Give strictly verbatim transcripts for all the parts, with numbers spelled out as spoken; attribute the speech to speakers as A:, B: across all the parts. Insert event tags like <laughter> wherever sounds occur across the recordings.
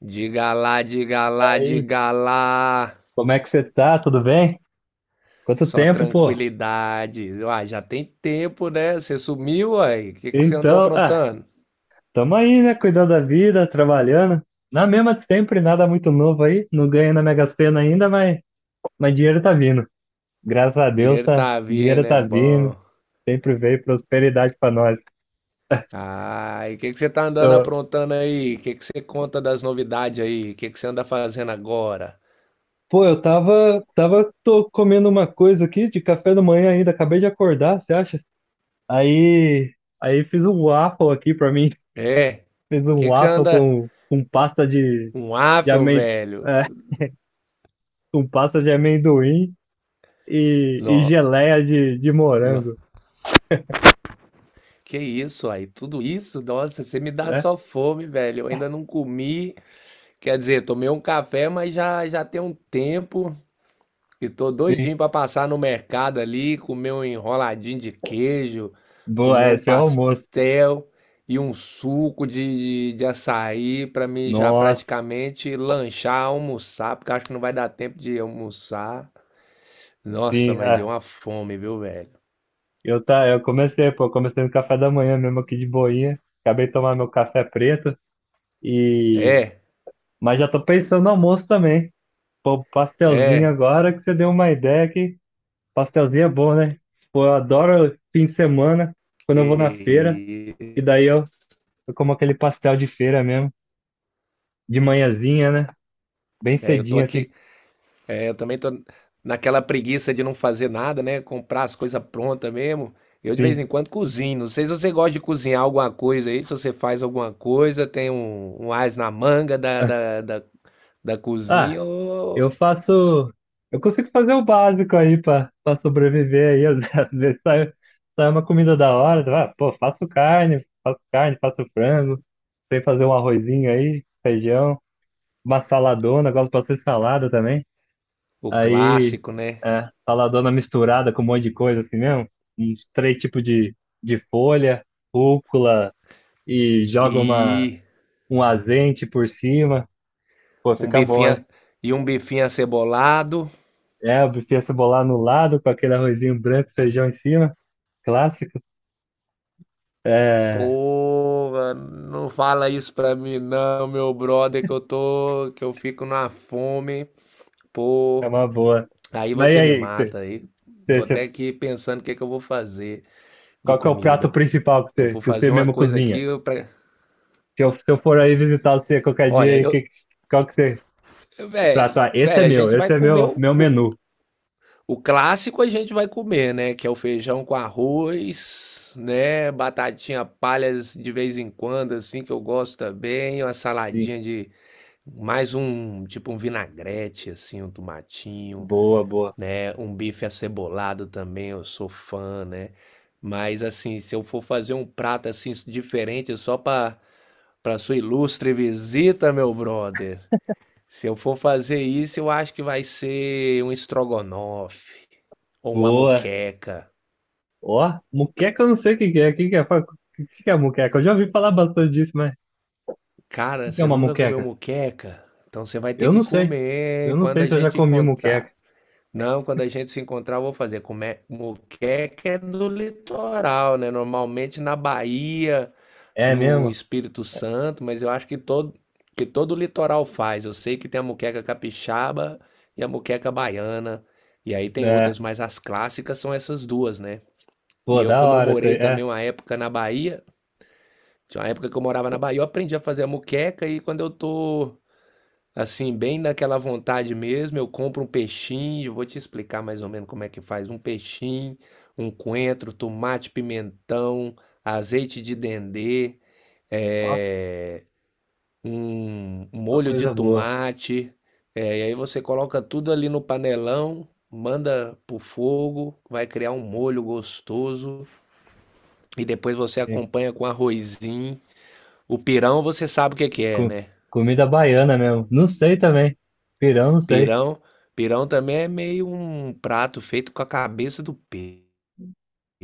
A: Diga lá, diga lá,
B: Aí,
A: diga lá.
B: como é que você tá? Tudo bem? Quanto
A: Só
B: tempo, pô?
A: tranquilidade. Uai, já tem tempo, né? Você sumiu, uai. O que que você andou
B: Então, ah,
A: aprontando?
B: tamo aí, né? Cuidando da vida, trabalhando. Na mesma de sempre, nada muito novo aí. Não ganho na Mega Sena ainda, mas, mas dinheiro tá vindo. Graças a Deus,
A: Dinheiro
B: tá.
A: tá vindo,
B: Dinheiro
A: é
B: tá
A: bom.
B: vindo. Sempre veio prosperidade pra nós.
A: Ai, o que que você tá andando
B: Tô-
A: aprontando aí? O que que você conta das novidades aí? O que que você anda fazendo agora?
B: Pô, eu tava, tava, tô comendo uma coisa aqui de café da manhã ainda. Acabei de acordar, você acha? Aí, aí fiz um waffle aqui pra mim.
A: É?
B: <laughs> Fiz
A: O
B: um
A: que que você
B: waffle
A: anda...
B: com, com pasta de,
A: Um
B: de
A: afel,
B: amendoim.
A: velho.
B: Com pasta de amendoim e, e
A: Não,
B: geleia de, de
A: não.
B: morango,
A: Que isso aí? Tudo isso? Nossa, você me dá
B: né?
A: só fome, velho. Eu ainda não comi. Quer dizer, tomei um café, mas já, já tem um tempo e tô
B: Sim,
A: doidinho pra passar no mercado ali, comer um enroladinho de queijo,
B: boa,
A: comer
B: é,
A: um
B: esse é o almoço.
A: pastel e um suco de, de, de açaí pra mim já
B: Nossa,
A: praticamente lanchar, almoçar, porque eu acho que não vai dar tempo de almoçar. Nossa,
B: sim,
A: mas
B: é.
A: deu uma fome, viu, velho?
B: Eu, tá, eu comecei, pô, comecei no café da manhã mesmo aqui de boinha, acabei de tomar meu café preto e...
A: É,
B: Mas já tô pensando no almoço também. Pô, pastelzinho
A: é,
B: agora que você deu uma ideia que pastelzinho é bom, né? Pô, eu adoro fim de semana, quando eu vou na feira,
A: que
B: e
A: isso.
B: daí eu, eu como aquele pastel de feira mesmo, de manhãzinha, né? Bem
A: É, eu tô
B: cedinho, assim,
A: aqui. É, eu também tô naquela preguiça de não fazer nada, né? Comprar as coisas prontas mesmo. Eu de vez
B: sim.
A: em quando cozinho. Não sei se você gosta de cozinhar alguma coisa aí, se você faz alguma coisa, tem um, um as na manga da,
B: Ah,
A: da, da, da
B: ah,
A: cozinha, ou
B: eu faço. Eu consigo fazer o básico aí pra pra sobreviver aí. Às <laughs> às vezes sai, sai uma comida da hora. Ah, pô, faço carne, faço carne, faço frango. Sei fazer um arrozinho aí, feijão, uma saladona. Gosto bastante de salada também.
A: o
B: Aí,
A: clássico, né?
B: é, saladona misturada com um monte de coisa assim mesmo. Uns três tipos de, de folha, rúcula e joga uma,
A: E
B: um azente por cima. Pô,
A: um
B: fica bom,
A: bifinha
B: hein?
A: e um bifinho acebolado.
B: É, o bife cebolar no lado, com aquele arrozinho branco, feijão em cima, clássico. É,
A: Pô, não fala isso pra mim não, meu brother, que eu tô, que eu fico na fome.
B: é
A: Pô,
B: uma boa.
A: aí
B: Mas e
A: você me
B: aí, você,
A: mata. Aí tô
B: você,
A: até
B: você-
A: aqui pensando o que que eu vou fazer de
B: qual que é o prato
A: comida.
B: principal que
A: Que eu
B: você,
A: vou
B: que você
A: fazer uma
B: mesmo
A: coisa
B: cozinha?
A: aqui pra...
B: Se eu, se eu for aí visitar você qualquer dia,
A: Olha,
B: aí,
A: eu,
B: que, qual que você,
A: eu-
B: prato?
A: velho,
B: Ah, esse é
A: velho, a
B: meu,
A: gente vai
B: esse é
A: comer
B: meu,
A: o,
B: meu
A: o,
B: menu.
A: o clássico, a gente vai comer, né? Que é o feijão com arroz, né? Batatinha palhas de vez em quando, assim, que eu gosto também. Uma
B: Sim,
A: saladinha de mais um, tipo um vinagrete, assim, um tomatinho.
B: boa, boa,
A: Né? Um bife acebolado também, eu sou fã, né? Mas assim, se eu for fazer um prato assim diferente só para para sua ilustre visita, meu brother. Se eu for fazer isso, eu acho que vai ser um estrogonofe ou uma
B: boa.
A: moqueca.
B: Ó, muqueca eu não sei o que que é, o que que é, fala, o que que é muqueca? Eu já ouvi falar bastante disso, mas o
A: Cara,
B: que que é
A: você
B: uma
A: nunca comeu
B: muqueca?
A: moqueca? Então você vai ter
B: Eu
A: que
B: não sei, eu
A: comer
B: não
A: quando
B: sei
A: a
B: se eu já
A: gente
B: comi muqueca.
A: encontrar. Não, quando a gente se encontrar, eu vou fazer. Come... Moqueca é do litoral, né? Normalmente na Bahia,
B: É
A: no
B: mesmo?
A: Espírito Santo, mas eu acho que todo, que todo o litoral faz. Eu sei que tem a moqueca capixaba e a moqueca baiana, e aí tem
B: É.
A: outras, mas as clássicas são essas duas, né? E
B: Pô,
A: eu,
B: da
A: como eu
B: hora isso aí.
A: morei
B: É,
A: também uma época na Bahia, tinha uma época que eu morava na Bahia, eu aprendi a fazer a moqueca e quando eu tô assim, bem naquela vontade mesmo, eu compro um peixinho, eu vou te explicar mais ou menos como é que faz, um peixinho, um coentro, tomate, pimentão, azeite de dendê,
B: ó,
A: é, um um
B: ó
A: molho de
B: coisa boa.
A: tomate, é, e aí você coloca tudo ali no panelão, manda pro fogo, vai criar um molho gostoso e depois você
B: Sim.
A: acompanha com arrozinho. O pirão você sabe o que que é,
B: Com,
A: né?
B: comida baiana mesmo. Não sei também. Pirão, não sei.
A: Pirão, pirão também é meio um prato feito com a cabeça do peixe.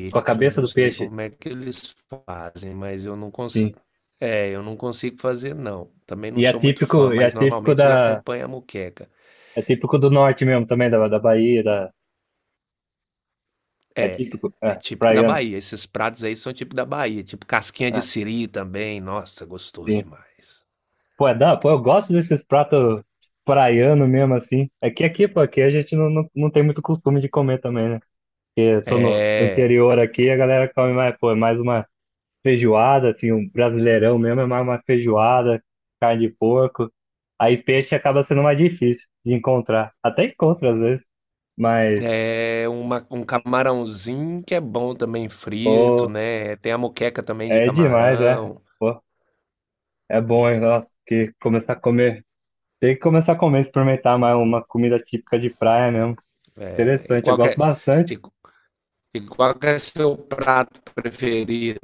B: Com a
A: Eu
B: cabeça
A: não
B: do
A: sei
B: peixe.
A: como é que eles fazem, mas eu não consigo.
B: Sim.
A: É, eu não consigo fazer, não. Também
B: E
A: não
B: é
A: sou muito
B: típico,
A: fã,
B: e é
A: mas
B: típico
A: normalmente
B: da.
A: ele acompanha a moqueca.
B: É típico do norte mesmo também, da, da Bahia. Da, é
A: É,
B: típico.
A: é
B: É,
A: típico da
B: praiano.
A: Bahia, esses pratos aí são típico da Bahia, tipo casquinha
B: É,
A: de siri também, nossa, gostoso
B: sim.
A: demais.
B: Pô, é da, pô, eu gosto desses pratos praiano mesmo, assim. É que aqui, pô, aqui a gente não, não, não tem muito costume de comer também, né? Porque eu tô no, no
A: É,
B: interior aqui, a galera come mais, pô, é mais uma. Feijoada, assim, um brasileirão mesmo é mais uma feijoada, carne de porco. Aí peixe acaba sendo mais difícil de encontrar. Até encontro às vezes, mas,
A: é uma, um camarãozinho que é bom também frito,
B: pô,
A: né? Tem a moqueca também de
B: é demais, né?
A: camarão.
B: Pô, é bom, hein? Nossa, que começar a comer. Tem que começar a comer, experimentar mais uma comida típica de praia mesmo.
A: É, e
B: Interessante, eu
A: qual que
B: gosto
A: é, e,
B: bastante.
A: e qual que é seu prato preferido?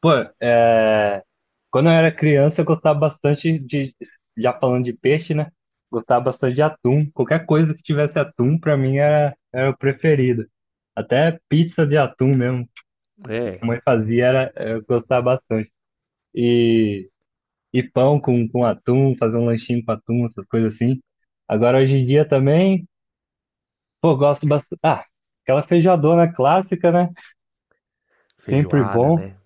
B: Pô, é. Quando eu era criança, eu gostava bastante de, já falando de peixe, né? Gostava bastante de atum. Qualquer coisa que tivesse atum, pra mim era, era o preferido. Até pizza de atum mesmo, que a
A: É,
B: mãe fazia, era, eu gostava bastante. E, e pão com, com atum, fazer um lanchinho com atum, essas coisas assim. Agora, hoje em dia também, pô, gosto bastante. Ah, aquela feijoadona clássica, né? Sempre
A: feijoada,
B: bom.
A: né?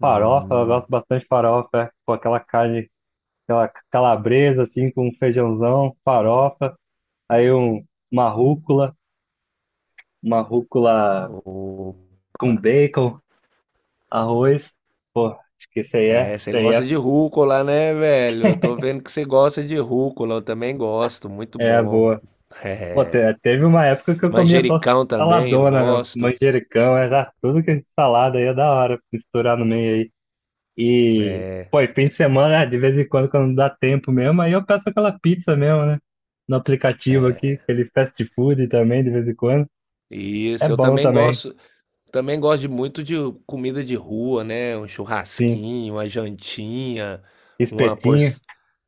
B: Farofa, eu
A: Hum,
B: gosto bastante de farofa, é, com aquela carne aquela calabresa, assim, com um feijãozão, farofa, aí um, uma rúcula, uma rúcula com
A: opa.
B: bacon, arroz. Pô, acho que isso aí é,
A: É,
B: isso
A: você
B: aí
A: gosta
B: é,
A: de rúcula, né, velho? Tô vendo que você gosta de rúcula, eu também gosto, muito
B: é
A: bom.
B: boa. Pô, te- teve uma época que eu comia só
A: Manjericão também eu
B: saladona, meu,
A: gosto.
B: manjericão, era tudo que é salada aí é da hora, misturar no meio aí. E,
A: É,
B: pô, e fim de semana, né, de vez em quando, quando dá tempo mesmo, aí eu peço aquela pizza mesmo, né? No aplicativo aqui, aquele fast food também, de vez em quando. É
A: isso, eu
B: bom
A: também
B: também,
A: gosto, também gosto de muito de comida de rua, né? Um
B: sim.
A: churrasquinho, uma jantinha, uma por...
B: Espetinho,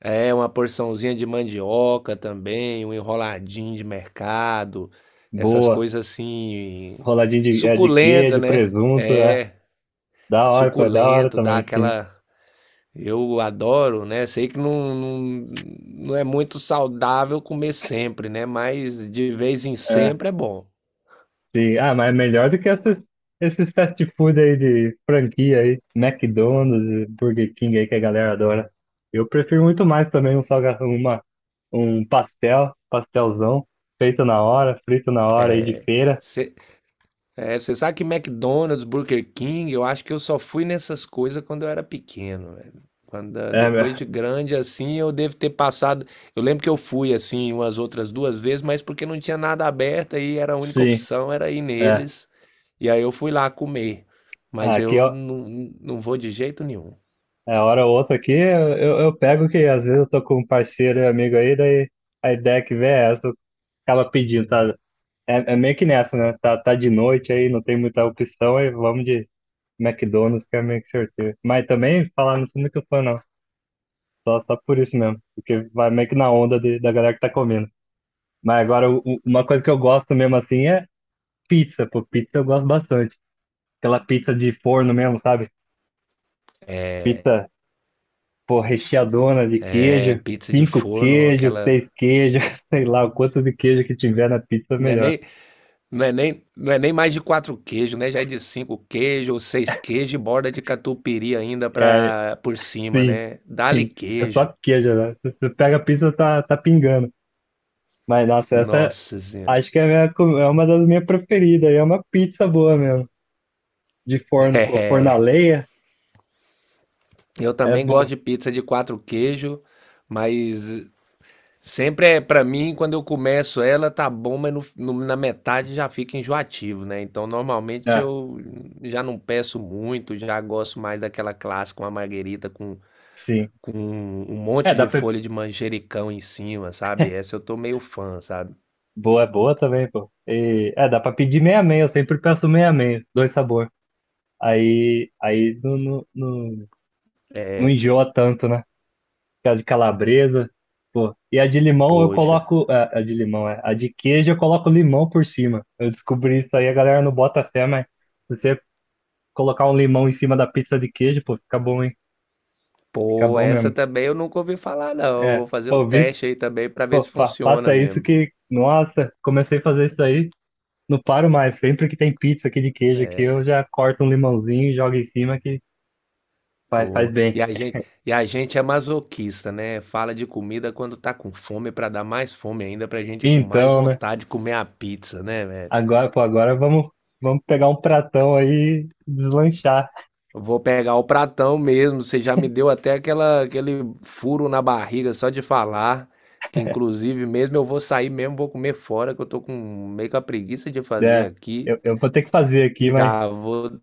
A: É, uma porçãozinha de mandioca também, um enroladinho de mercado, essas
B: boa.
A: coisas assim,
B: Roladinha de, é, de
A: suculenta,
B: queijo,
A: né?
B: presunto, é.
A: É,
B: Da hora, foi da hora
A: suculento, dá
B: também, sim.
A: aquela eu adoro, né? Sei que não, não, não é muito saudável comer sempre, né? Mas de vez em
B: É,
A: sempre é bom.
B: sim. Ah, mas é melhor do que essas, esses fast food aí de franquia aí, McDonald's, e Burger King aí que a galera adora. Eu prefiro muito mais também um salgado, uma, um pastel, pastelzão, feito na hora, frito na hora aí de feira.
A: Você é, sabe que McDonald's, Burger King, eu acho que eu só fui nessas coisas quando eu era pequeno, velho. Quando, ah,
B: É, <laughs>
A: depois de grande, assim, eu devo ter passado. Eu lembro que eu fui, assim, umas outras duas vezes, mas porque não tinha nada aberto e era a única
B: sim,
A: opção, era ir
B: é.
A: neles. E aí eu fui lá comer.
B: Ah,
A: Mas
B: aqui,
A: eu
B: ó,
A: não, não vou de jeito nenhum.
B: é, hora ou outra aqui, eu, eu eu pego que às vezes eu tô com um parceiro e amigo aí, daí a ideia que vem é essa, acaba pedindo, tá? É, é meio que nessa, né? Tá, tá de noite aí, não tem muita opção, aí vamos de McDonald's, que é meio que sorteio. Mas também, falar, não sou muito fã, não. Só, só por isso mesmo, porque vai meio que na onda de- da galera que tá comendo. Mas agora, o- o- uma coisa que eu gosto mesmo assim é pizza, pô, pizza eu gosto bastante. Aquela pizza de forno mesmo, sabe? Pizza pô, recheadona de
A: É
B: queijo,
A: pizza de
B: cinco
A: forno,
B: queijos,
A: aquela.
B: seis queijos, <laughs> sei lá, o quanto de queijo que tiver na pizza,
A: Não é
B: melhor.
A: nem, não é nem, não é nem mais de quatro queijos, né? Já é de cinco queijos ou seis queijos e borda de catupiry ainda
B: É,
A: pra, por cima,
B: sim,
A: né? Dá-lhe
B: sim. É
A: queijo.
B: só queijo, né? Se você pega a pizza, tá, tá pingando. Mas, nossa, essa é-
A: Nossa Senhora.
B: acho que é, a minha co- é uma das minhas preferidas. E É uma pizza boa mesmo. De
A: <laughs>
B: forno, pô. Forno a
A: É.
B: lenha
A: Eu
B: é
A: também
B: bom.
A: gosto de pizza de quatro queijos, mas sempre é pra mim, quando eu começo ela, tá bom, mas no- no- na metade já fica enjoativo, né? Então normalmente
B: É,
A: eu já não peço muito, já gosto mais daquela clássica, uma marguerita com
B: sim.
A: com um
B: É,
A: monte
B: dá
A: de
B: pra.
A: folha de manjericão em cima, sabe? Essa eu tô meio fã, sabe?
B: Boa, é boa também, pô. E, é, dá pra pedir meia-meia. Eu sempre peço meia-meia, dois sabores. Aí, aí não, não, não, não enjoa tanto, né? Que é a de calabresa. Pô, e a de limão eu
A: Poxa.
B: coloco. A, a de limão, é. A de queijo eu coloco limão por cima. Eu descobri isso aí, a galera não bota fé, mas se você colocar um limão em cima da pizza de queijo, pô, fica bom, hein? Fica
A: Pô,
B: bom
A: essa
B: mesmo.
A: também eu nunca ouvi falar, não. Eu
B: É,
A: vou fazer o
B: pô, visto,
A: teste aí também pra ver
B: pô,
A: se
B: fa-
A: funciona
B: faça isso
A: mesmo.
B: que. Nossa, comecei a fazer isso aí, não paro mais. Sempre que tem pizza aqui de queijo aqui, eu
A: É,
B: já corto um limãozinho e jogo em cima que faz, faz
A: pô.
B: bem.
A: E a gente, e a gente é masoquista, né? Fala de comida quando tá com fome pra dar mais fome ainda, pra gente ir com mais
B: Então, né?
A: vontade de comer a pizza, né, velho?
B: Agora, pô, agora vamos, vamos pegar um pratão aí e deslanchar.
A: Vou pegar o pratão mesmo. Você já me deu até aquela, aquele furo na barriga só de falar. Que inclusive mesmo eu vou sair mesmo, vou comer fora, que eu tô com meio com a preguiça de fazer
B: É,
A: aqui.
B: eu, eu vou ter que fazer aqui, mas
A: Já vou.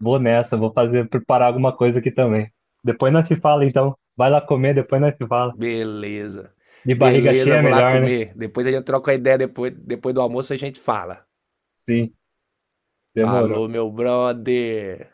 B: vou nessa, vou fazer, preparar alguma coisa aqui também. Depois nós se fala, então. Vai lá comer, depois nós se fala.
A: Beleza.
B: De barriga
A: Beleza,
B: cheia é
A: vou lá
B: melhor, né?
A: comer. Depois a gente troca a ideia, depois, depois do almoço a gente fala.
B: Sim, demorou.
A: Falou, meu brother.